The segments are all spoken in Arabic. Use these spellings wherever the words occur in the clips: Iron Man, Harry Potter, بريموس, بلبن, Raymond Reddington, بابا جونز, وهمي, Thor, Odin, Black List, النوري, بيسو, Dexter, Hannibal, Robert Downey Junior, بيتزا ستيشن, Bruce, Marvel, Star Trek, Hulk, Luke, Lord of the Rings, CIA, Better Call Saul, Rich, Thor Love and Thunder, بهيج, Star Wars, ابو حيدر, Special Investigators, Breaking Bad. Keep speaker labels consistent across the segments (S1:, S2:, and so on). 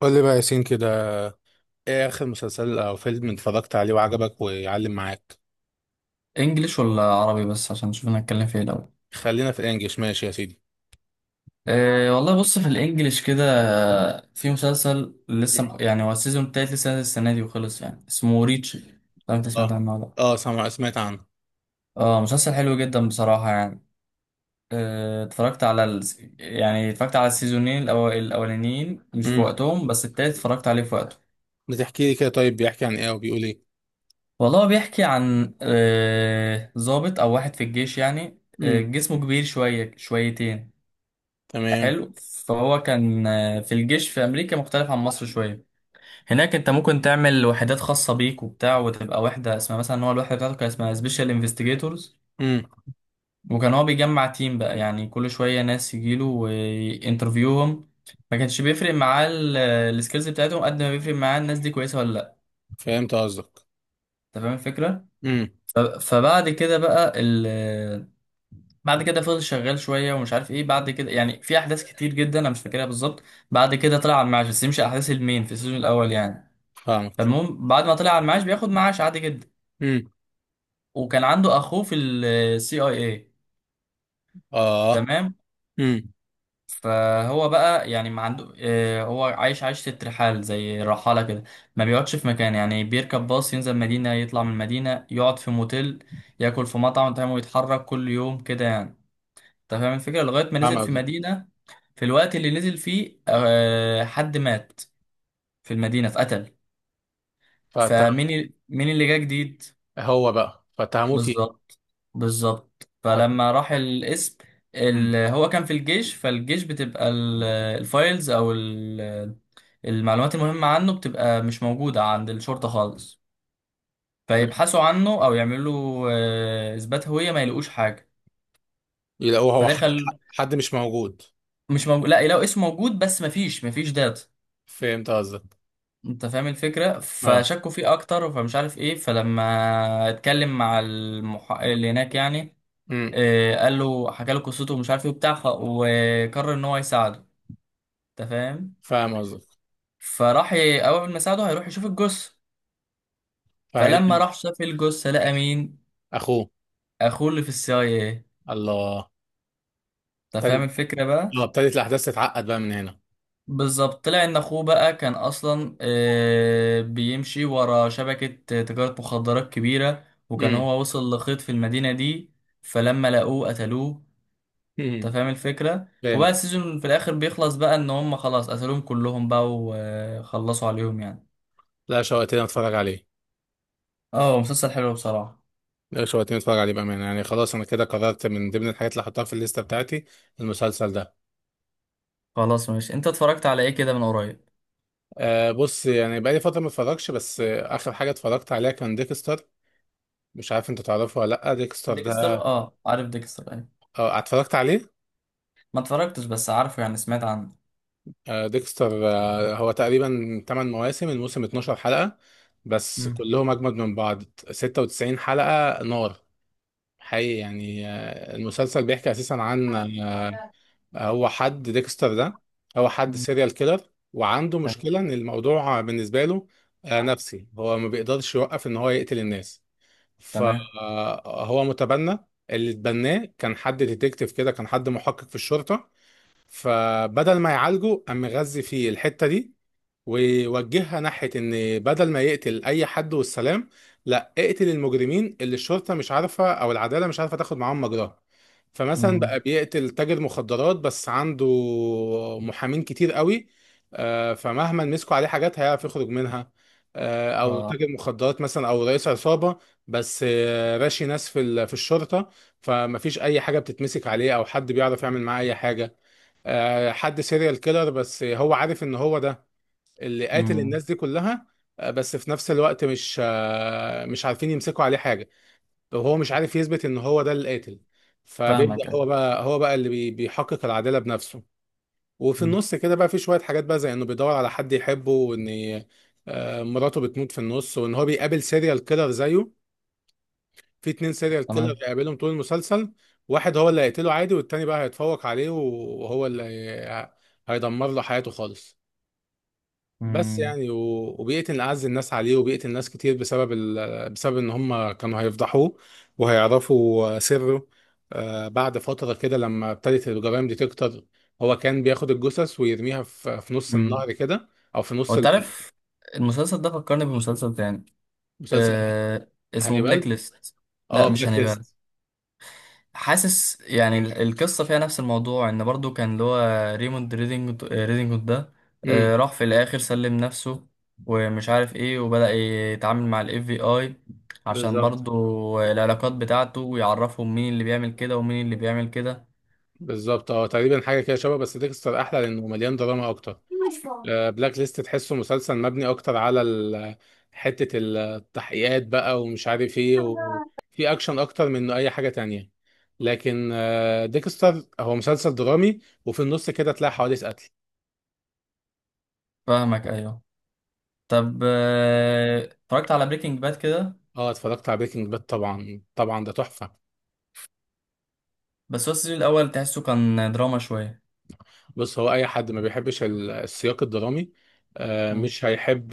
S1: قول لي بقى يا ياسين كده. ايه اخر مسلسل او فيلم اتفرجت عليه وعجبك ويعلم معاك؟
S2: انجليش ولا عربي بس عشان نشوف انا هتكلم في ايه الاول؟
S1: خلينا في الانجليش، ماشي يا سيدي.
S2: أه والله، بص في الانجليش كده. في مسلسل لسه
S1: مم.
S2: يعني هو السيزون التالت لسه نازل السنه دي وخلص يعني، اسمه ريتش. لو انت سمعت
S1: اه.
S2: عنه ولا لأ.
S1: اه سمعت عنه.
S2: اه مسلسل حلو جدا بصراحه يعني. اتفرجت على يعني اتفرجت على السيزونين الاولانيين مش في
S1: امم.
S2: وقتهم، بس التالت اتفرجت عليه في وقته.
S1: بتحكي لي كده، طيب بيحكي عن ايه وبيقول ايه؟
S2: والله هو بيحكي عن ضابط او واحد في الجيش يعني،
S1: امم.
S2: جسمه كبير شويه شويتين.
S1: تمام.
S2: حلو. فهو كان في الجيش. في امريكا مختلف عن مصر شويه، هناك انت ممكن تعمل وحدات خاصه بيك وبتاع وتبقى وحده اسمها، مثلا هو الوحده بتاعته كان اسمها سبيشال انفستيجيتورز.
S1: امم.
S2: وكان هو بيجمع تيم بقى يعني، كل شويه ناس يجيله وانترفيوهم. ما كانش بيفرق معاه السكيلز بتاعتهم قد ما بيفرق معاه الناس دي كويسه ولا لا.
S1: فهمت قصدك.
S2: انت فاهم الفكره.
S1: امم.
S2: فبعد كده بقى، بعد كده فضل شغال شويه ومش عارف ايه، بعد كده يعني في احداث كتير جدا انا مش فاكرها بالظبط. بعد كده طلع على المعاش، بس دي مش احداث المين في السيزون الاول يعني.
S1: فاهمك.
S2: فالمهم بعد ما طلع على المعاش بياخد معاش عادي جدا.
S1: امم.
S2: وكان عنده اخوه في السي اي اي.
S1: اه.
S2: تمام.
S1: امم.
S2: فهو بقى يعني ما عنده هو عايش عيشة الرحال زي الرحالة كده. ما بيقعدش في مكان يعني، بيركب باص ينزل مدينة، يطلع من المدينة يقعد في موتيل، ياكل في مطعم، تمام، ويتحرك كل يوم كده يعني. انت فاهم الفكرة؟ لغاية ما
S1: فاهم
S2: نزل في
S1: قصدك.
S2: مدينة. في الوقت اللي نزل فيه حد مات في المدينة، اتقتل.
S1: فتح.
S2: فمين مين اللي جه جديد.
S1: هو بقى فتهموه فيه.
S2: بالظبط. بالظبط.
S1: ف-
S2: فلما راح الاسم
S1: امم.
S2: هو كان في الجيش، فالجيش بتبقى الفايلز او المعلومات المهمة عنه بتبقى مش موجودة عند الشرطة خالص. فيبحثوا عنه أو يعملوا له إثبات هوية، ما يلاقوش حاجة.
S1: يلاقوه هو حد.
S2: فدخل.
S1: حد مش موجود.
S2: مش موجود، لا يلاقوا اسمه موجود بس مفيش داتا.
S1: فهمت قصدك.
S2: انت فاهم الفكره.
S1: اه.
S2: فشكوا فيه اكتر، فمش عارف ايه. فلما اتكلم مع المحقق اللي هناك يعني،
S1: امم.
S2: اه قال له، حكى له قصته ومش عارف ايه وبتاع، وقرر ان هو يساعده. انت فاهم.
S1: فاهم قصدك.
S2: فراح اول ما ساعده هيروح يشوف الجثه. فلما
S1: فعيل.
S2: راح شاف الجثه لقى مين؟
S1: اخوه.
S2: اخوه اللي في السي اي ايه.
S1: الله.
S2: انت فاهم
S1: طيب.
S2: الفكره بقى.
S1: اه، ابتدت الاحداث تتعقد بقى من هنا.
S2: بالظبط. طلع ان اخوه بقى كان اصلا بيمشي ورا شبكة تجارة مخدرات كبيرة، وكان
S1: امم.
S2: هو وصل لخيط في المدينة دي. فلما لقوه قتلوه. انت
S1: امم.
S2: فاهم الفكرة. وبقى
S1: فهمت.
S2: السيزون في الاخر بيخلص بقى ان هم خلاص قتلوهم كلهم بقى وخلصوا عليهم يعني.
S1: لا، شوقتني اتفرج عليه.
S2: اه مسلسل حلو بصراحة.
S1: لا، شوقتني اتفرج عليه بامانه، يعني خلاص انا كده قررت من ضمن الحاجات اللي هحطها في الليسته بتاعتي المسلسل ده.
S2: خلاص ماشي. انت اتفرجت على ايه كده من قريب؟
S1: آه بص، يعني بقالي فتره ما اتفرجش، بس آه اخر حاجه اتفرجت عليها كان ديكستر. مش عارف انت تعرفه ولا لا، ديكستر
S2: ديكستر؟
S1: ده.
S2: اه عارف ديكستر ايه.
S1: اه، اتفرجت عليه.
S2: ما اتفرجتش بس عارفه يعني، سمعت عنه.
S1: آه ديكستر، آه هو تقريبا 8 مواسم، الموسم 12 حلقه، بس
S2: مم.
S1: كلهم اجمد من بعض. 96 حلقه نار حقيقي، يعني المسلسل بيحكي اساسا عن هو حد ديكستر ده، هو حد
S2: مم.
S1: سيريال كيلر، وعنده
S2: تمام.
S1: مشكلة ان الموضوع بالنسبة له نفسي، هو ما بيقدرش يوقف ان هو يقتل الناس.
S2: تمام.
S1: فهو متبنى، اللي اتبناه كان حد ديتكتيف كده، كان حد محقق في الشرطة، فبدل ما يعالجه قام مغذي فيه الحتة دي، ووجهها ناحية إن بدل ما يقتل أي حد والسلام، لا اقتل المجرمين اللي الشرطة مش عارفة أو العدالة مش عارفة تاخد معاهم مجراها. فمثلا
S2: مم.
S1: بقى بيقتل تاجر مخدرات بس عنده محامين كتير قوي، فمهما مسكوا عليه حاجات هيعرف يخرج منها. أو
S2: اه.
S1: تاجر مخدرات مثلا أو رئيس عصابة، بس راشي ناس في في الشرطة، فمفيش أي حاجة بتتمسك عليه أو حد بيعرف يعمل معاه أي حاجة. حد سيريال كيلر، بس هو عارف إن هو ده اللي قاتل
S2: مم.
S1: الناس دي كلها. بس في نفس الوقت مش عارفين يمسكوا عليه حاجة، وهو مش عارف يثبت ان هو ده اللي قاتل. فبيبدأ هو
S2: فاهمك.
S1: بقى، هو بقى اللي بيحقق العدالة بنفسه. وفي
S2: مم.
S1: النص كده بقى في شوية حاجات بقى زي انه بيدور على حد يحبه، وان مراته بتموت في النص، وان هو بيقابل سيريال كيلر زيه. في اتنين سيريال كيلر
S2: تمام.
S1: بيقابلهم طول المسلسل، واحد هو اللي هيقتله عادي، والتاني بقى هيتفوق عليه وهو اللي هيدمر له حياته خالص. بس
S2: مم.
S1: يعني، وبيئة إن أعز الناس عليه، وبيئة الناس كتير بسبب بسبب إن هم كانوا هيفضحوه وهيعرفوا سره. بعد فترة كده لما ابتدت الجرائم دي تكتر، هو كان بياخد الجثث ويرميها في نص
S2: مم.
S1: النهر كده، أو في
S2: هو
S1: نص
S2: انت عارف المسلسل ده فكرني بمسلسل تاني.
S1: مسلسل؟
S2: آه، اسمه بلاك
S1: هانيبال.
S2: ليست. لا
S1: اه،
S2: مش
S1: بلاك
S2: هانيبال.
S1: ليست.
S2: حاسس يعني القصة فيها نفس الموضوع، ان برضو كان اللي هو ريموند ريدنجوت ده،
S1: امم.
S2: آه راح في الاخر سلم نفسه ومش عارف ايه، وبدأ يتعامل مع الاف بي اي عشان
S1: بالظبط.
S2: برضو العلاقات بتاعته، ويعرفهم مين اللي بيعمل كده ومين اللي بيعمل كده.
S1: بالظبط، اه تقريبا حاجة كده شبه، بس ديكستر أحلى لأنه مليان دراما أكتر. بلاك ليست تحسه مسلسل مبني اكتر على حتة التحقيقات بقى ومش عارف ايه، وفي اكشن اكتر من انه اي حاجة تانية. لكن ديكستر هو مسلسل درامي، وفي النص كده تلاقي حوادث قتل.
S2: فاهمك ايوه. طب اتفرجت على بريكنج باد كده؟
S1: اه، اتفرجت على بريكنج باد، طبعا طبعا ده تحفة.
S2: بس هو السيزون الاول تحسه كان دراما شويه.
S1: بص هو اي حد ما بيحبش السياق الدرامي
S2: مم.
S1: مش هيحب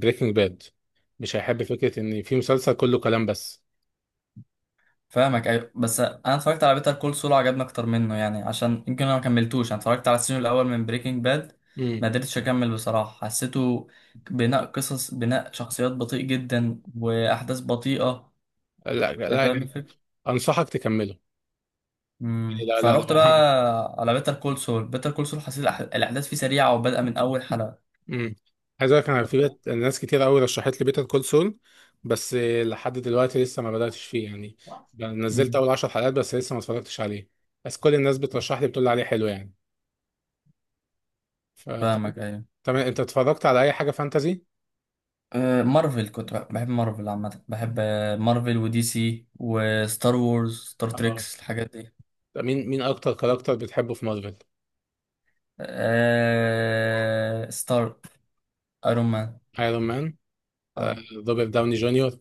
S1: بريكنج باد، مش هيحب فكرة ان في مسلسل كله كلام بس.
S2: فاهمك ايوه، بس انا اتفرجت على بيتر كول سول عجبني اكتر منه يعني، عشان يمكن انا ما كملتوش. انا اتفرجت على السيزون الاول من بريكنج باد
S1: مم.
S2: ما قدرتش اكمل بصراحه. حسيته بناء قصص، بناء شخصيات بطيء جدا، واحداث بطيئه.
S1: لا
S2: انت
S1: لا
S2: فاهم
S1: يعني،
S2: الفكره.
S1: انصحك تكمله. يعني
S2: امم.
S1: لا لا
S2: فروحت
S1: لا
S2: بقى على بيتر كول سول. بيتر كول سول حسيت الاحداث فيه سريعه وبادئه من اول حلقه.
S1: امم. عايز اقول لك انا في بيت ناس كتير قوي رشحت لي بيتر كول سول، بس لحد دلوقتي لسه ما بداتش فيه يعني. نزلت
S2: امم.
S1: اول 10 حلقات بس لسه ما اتفرجتش عليه. بس كل الناس بترشح لي، بتقول لي عليه حلو يعني. فطب،
S2: فاهمك ايوه.
S1: تمام، انت اتفرجت على اي حاجه فانتازي؟
S2: مارفل، كنت بحب مارفل عامة، بحب مارفل ودي سي وستار وورز ستار
S1: اه.
S2: تريكس، الحاجات دي.
S1: طب مين اكتر كاركتر بتحبه في مارفل؟
S2: ستار، ايرون مان.
S1: ايرون مان، آه،
S2: اه.
S1: روبرت داوني جونيور.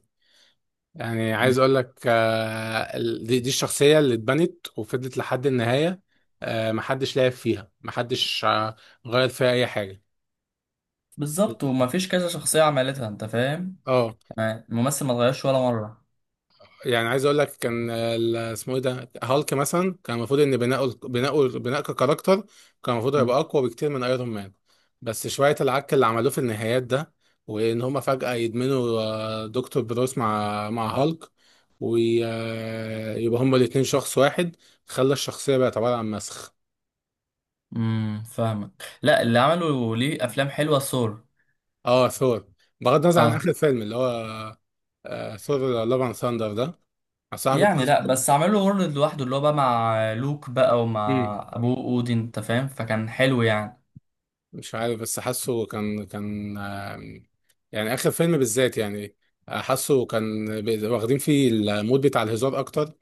S1: يعني
S2: م.
S1: عايز اقول لك دي الشخصيه اللي اتبنت وفضلت لحد النهايه، محدش لعب فيها، محدش غير فيها اي حاجه.
S2: بالظبط، وما فيش كذا شخصية عملتها. انت فاهم.
S1: اه.
S2: تمام، الممثل ما اتغيرش ولا مرة.
S1: يعني عايز اقول لك كان اسمه ايه ده، هالك مثلا كان المفروض ان بناؤه بناء ككاركتر، كان المفروض
S2: م.
S1: هيبقى اقوى بكتير من ايرون مان. بس شويه العك اللي عملوه في النهايات ده، وان هما فجاه يدمنوا دكتور بروس مع هالك، ويبقى هما الاتنين شخص واحد، خلى الشخصيه بقت عباره عن مسخ.
S2: فاهمك. لا اللي عملوا ليه افلام حلوة ثور.
S1: اه، ثور، بغض النظر عن
S2: اه.
S1: اخر فيلم اللي هو ثور لاف اند ثاندر ده، الصراحه كنت
S2: يعني
S1: حاسه.
S2: لا، بس عملوا وورلد لوحده اللي هو بقى مع لوك بقى ومع
S1: مم.
S2: ابوه اودين، انت فاهم، فكان حلو يعني.
S1: مش عارف بس حاسه كان يعني اخر فيلم بالذات يعني حاسه كان واخدين فيه المود بتاع الهزار اكتر.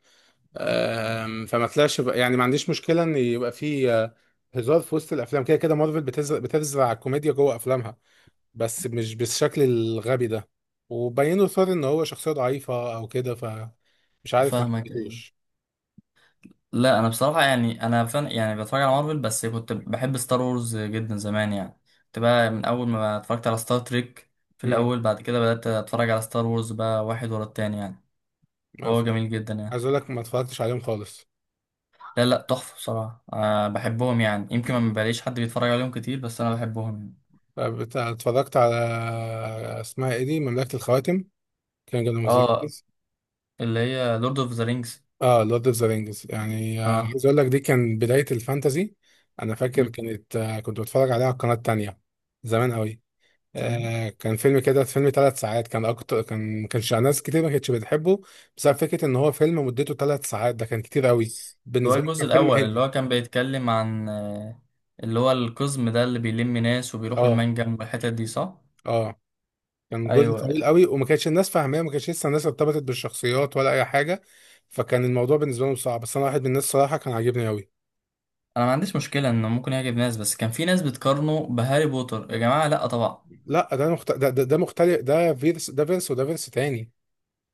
S1: يعني ما عنديش مشكله ان يبقى فيه هزار في وسط الافلام، كده كده مارفل بتزرع الكوميديا جوه افلامها، بس مش بالشكل الغبي ده، وبينوا ثور ان هو شخصيه ضعيفه او كده، فمش عارف، ما
S2: فاهمك أيوه.
S1: حبيتهوش.
S2: لا انا بصراحه يعني، انا فن يعني بتفرج على مارفل، بس كنت بحب ستار وورز جدا زمان يعني. كنت بقى من اول ما اتفرجت على ستار تريك في
S1: امم.
S2: الاول، بعد كده بدات اتفرج على ستار وورز بقى واحد ورا التاني يعني.
S1: ما
S2: فهو
S1: ف-
S2: جميل جدا يعني.
S1: عايز اقول لك ما اتفرجتش عليهم خالص.
S2: لا لا تحفه بصراحه، أه بحبهم يعني، يمكن ما بلاقيش حد بيتفرج عليهم كتير بس انا بحبهم يعني.
S1: بتاع اتفرجت على اسمها ايه دي، مملكة الخواتم، كان جانا
S2: اه.
S1: موزيكس.
S2: اللي هي لورد اوف ذا رينجز.
S1: اه، لورد اوف ذا رينجز. يعني
S2: اه.
S1: عايز اقول لك دي كان بداية الفانتازي. انا فاكر
S2: مم،
S1: كانت كنت بتفرج عليها على القناة التانية زمان قوي.
S2: تمام.
S1: آه كان فيلم كده، فيلم 3 ساعات، كان اكتر، كان ما كانش ناس كتير ما كانتش بتحبه، بسبب فكرة ان هو فيلم مدته 3 ساعات، ده كان كتير قوي
S2: اللي هو
S1: بالنسبة لي،
S2: الجزء
S1: كان فيلم
S2: الأول اللي
S1: هندي.
S2: هو كان بيتكلم عن اللي هو القزم ده اللي بيلم ناس وبيروحوا
S1: اه.
S2: المنجم والحتت دي، صح؟
S1: اه كان جزء
S2: ايوه.
S1: طويل قوي، وما كانتش الناس فاهماه، ما كانتش لسه الناس ارتبطت بالشخصيات ولا اي حاجه، فكان الموضوع بالنسبه لهم صعب، بس انا واحد من الناس صراحه كان عاجبني قوي.
S2: انا ما عنديش مشكله انه ممكن يعجب ناس، بس كان في ناس بتقارنه بهاري بوتر، يا جماعه لا طبعا.
S1: لا، ده مختلف، ده فيرس ده فيرس وده فيرس تاني.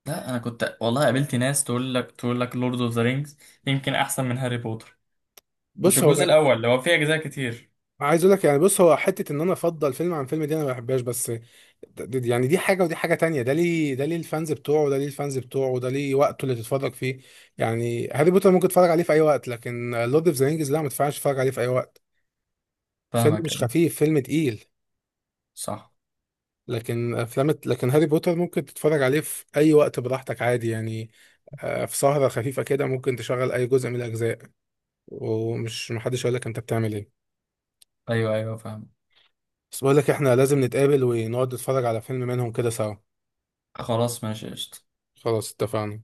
S2: لا انا كنت والله قابلت ناس تقول لك لورد اوف ذا رينجز يمكن احسن من هاري بوتر. مش
S1: بص هو
S2: الجزء
S1: بقى-
S2: الاول اللي هو فيه اجزاء كتير.
S1: عايز اقول لك يعني، بص هو حته ان انا افضل فيلم عن فيلم دي انا ما بحبهاش، بس يعني دي حاجه ودي حاجه تانية، ده ليه الفانز بتوعه، وده ليه الفانز بتوعه، وده ليه وقته اللي تتفرج فيه. يعني هاري بوتر ممكن تتفرج عليه في اي وقت، لكن لورد اوف ذا رينجز لا، ما تنفعش تتفرج عليه في اي وقت، فيلم
S2: فاهمك
S1: مش
S2: ايوه.
S1: خفيف، فيلم تقيل.
S2: صح.
S1: لكن افلام، لكن هاري بوتر ممكن تتفرج عليه في اي وقت براحتك عادي يعني، في سهرة خفيفة كده ممكن تشغل اي جزء من الاجزاء، ومش محدش يقول لك انت بتعمل ايه.
S2: ايوه ايوه فاهم.
S1: بس بقول لك احنا لازم نتقابل ونقعد نتفرج على فيلم منهم كده سوا.
S2: خلاص ماشي قشطة.
S1: خلاص اتفقنا.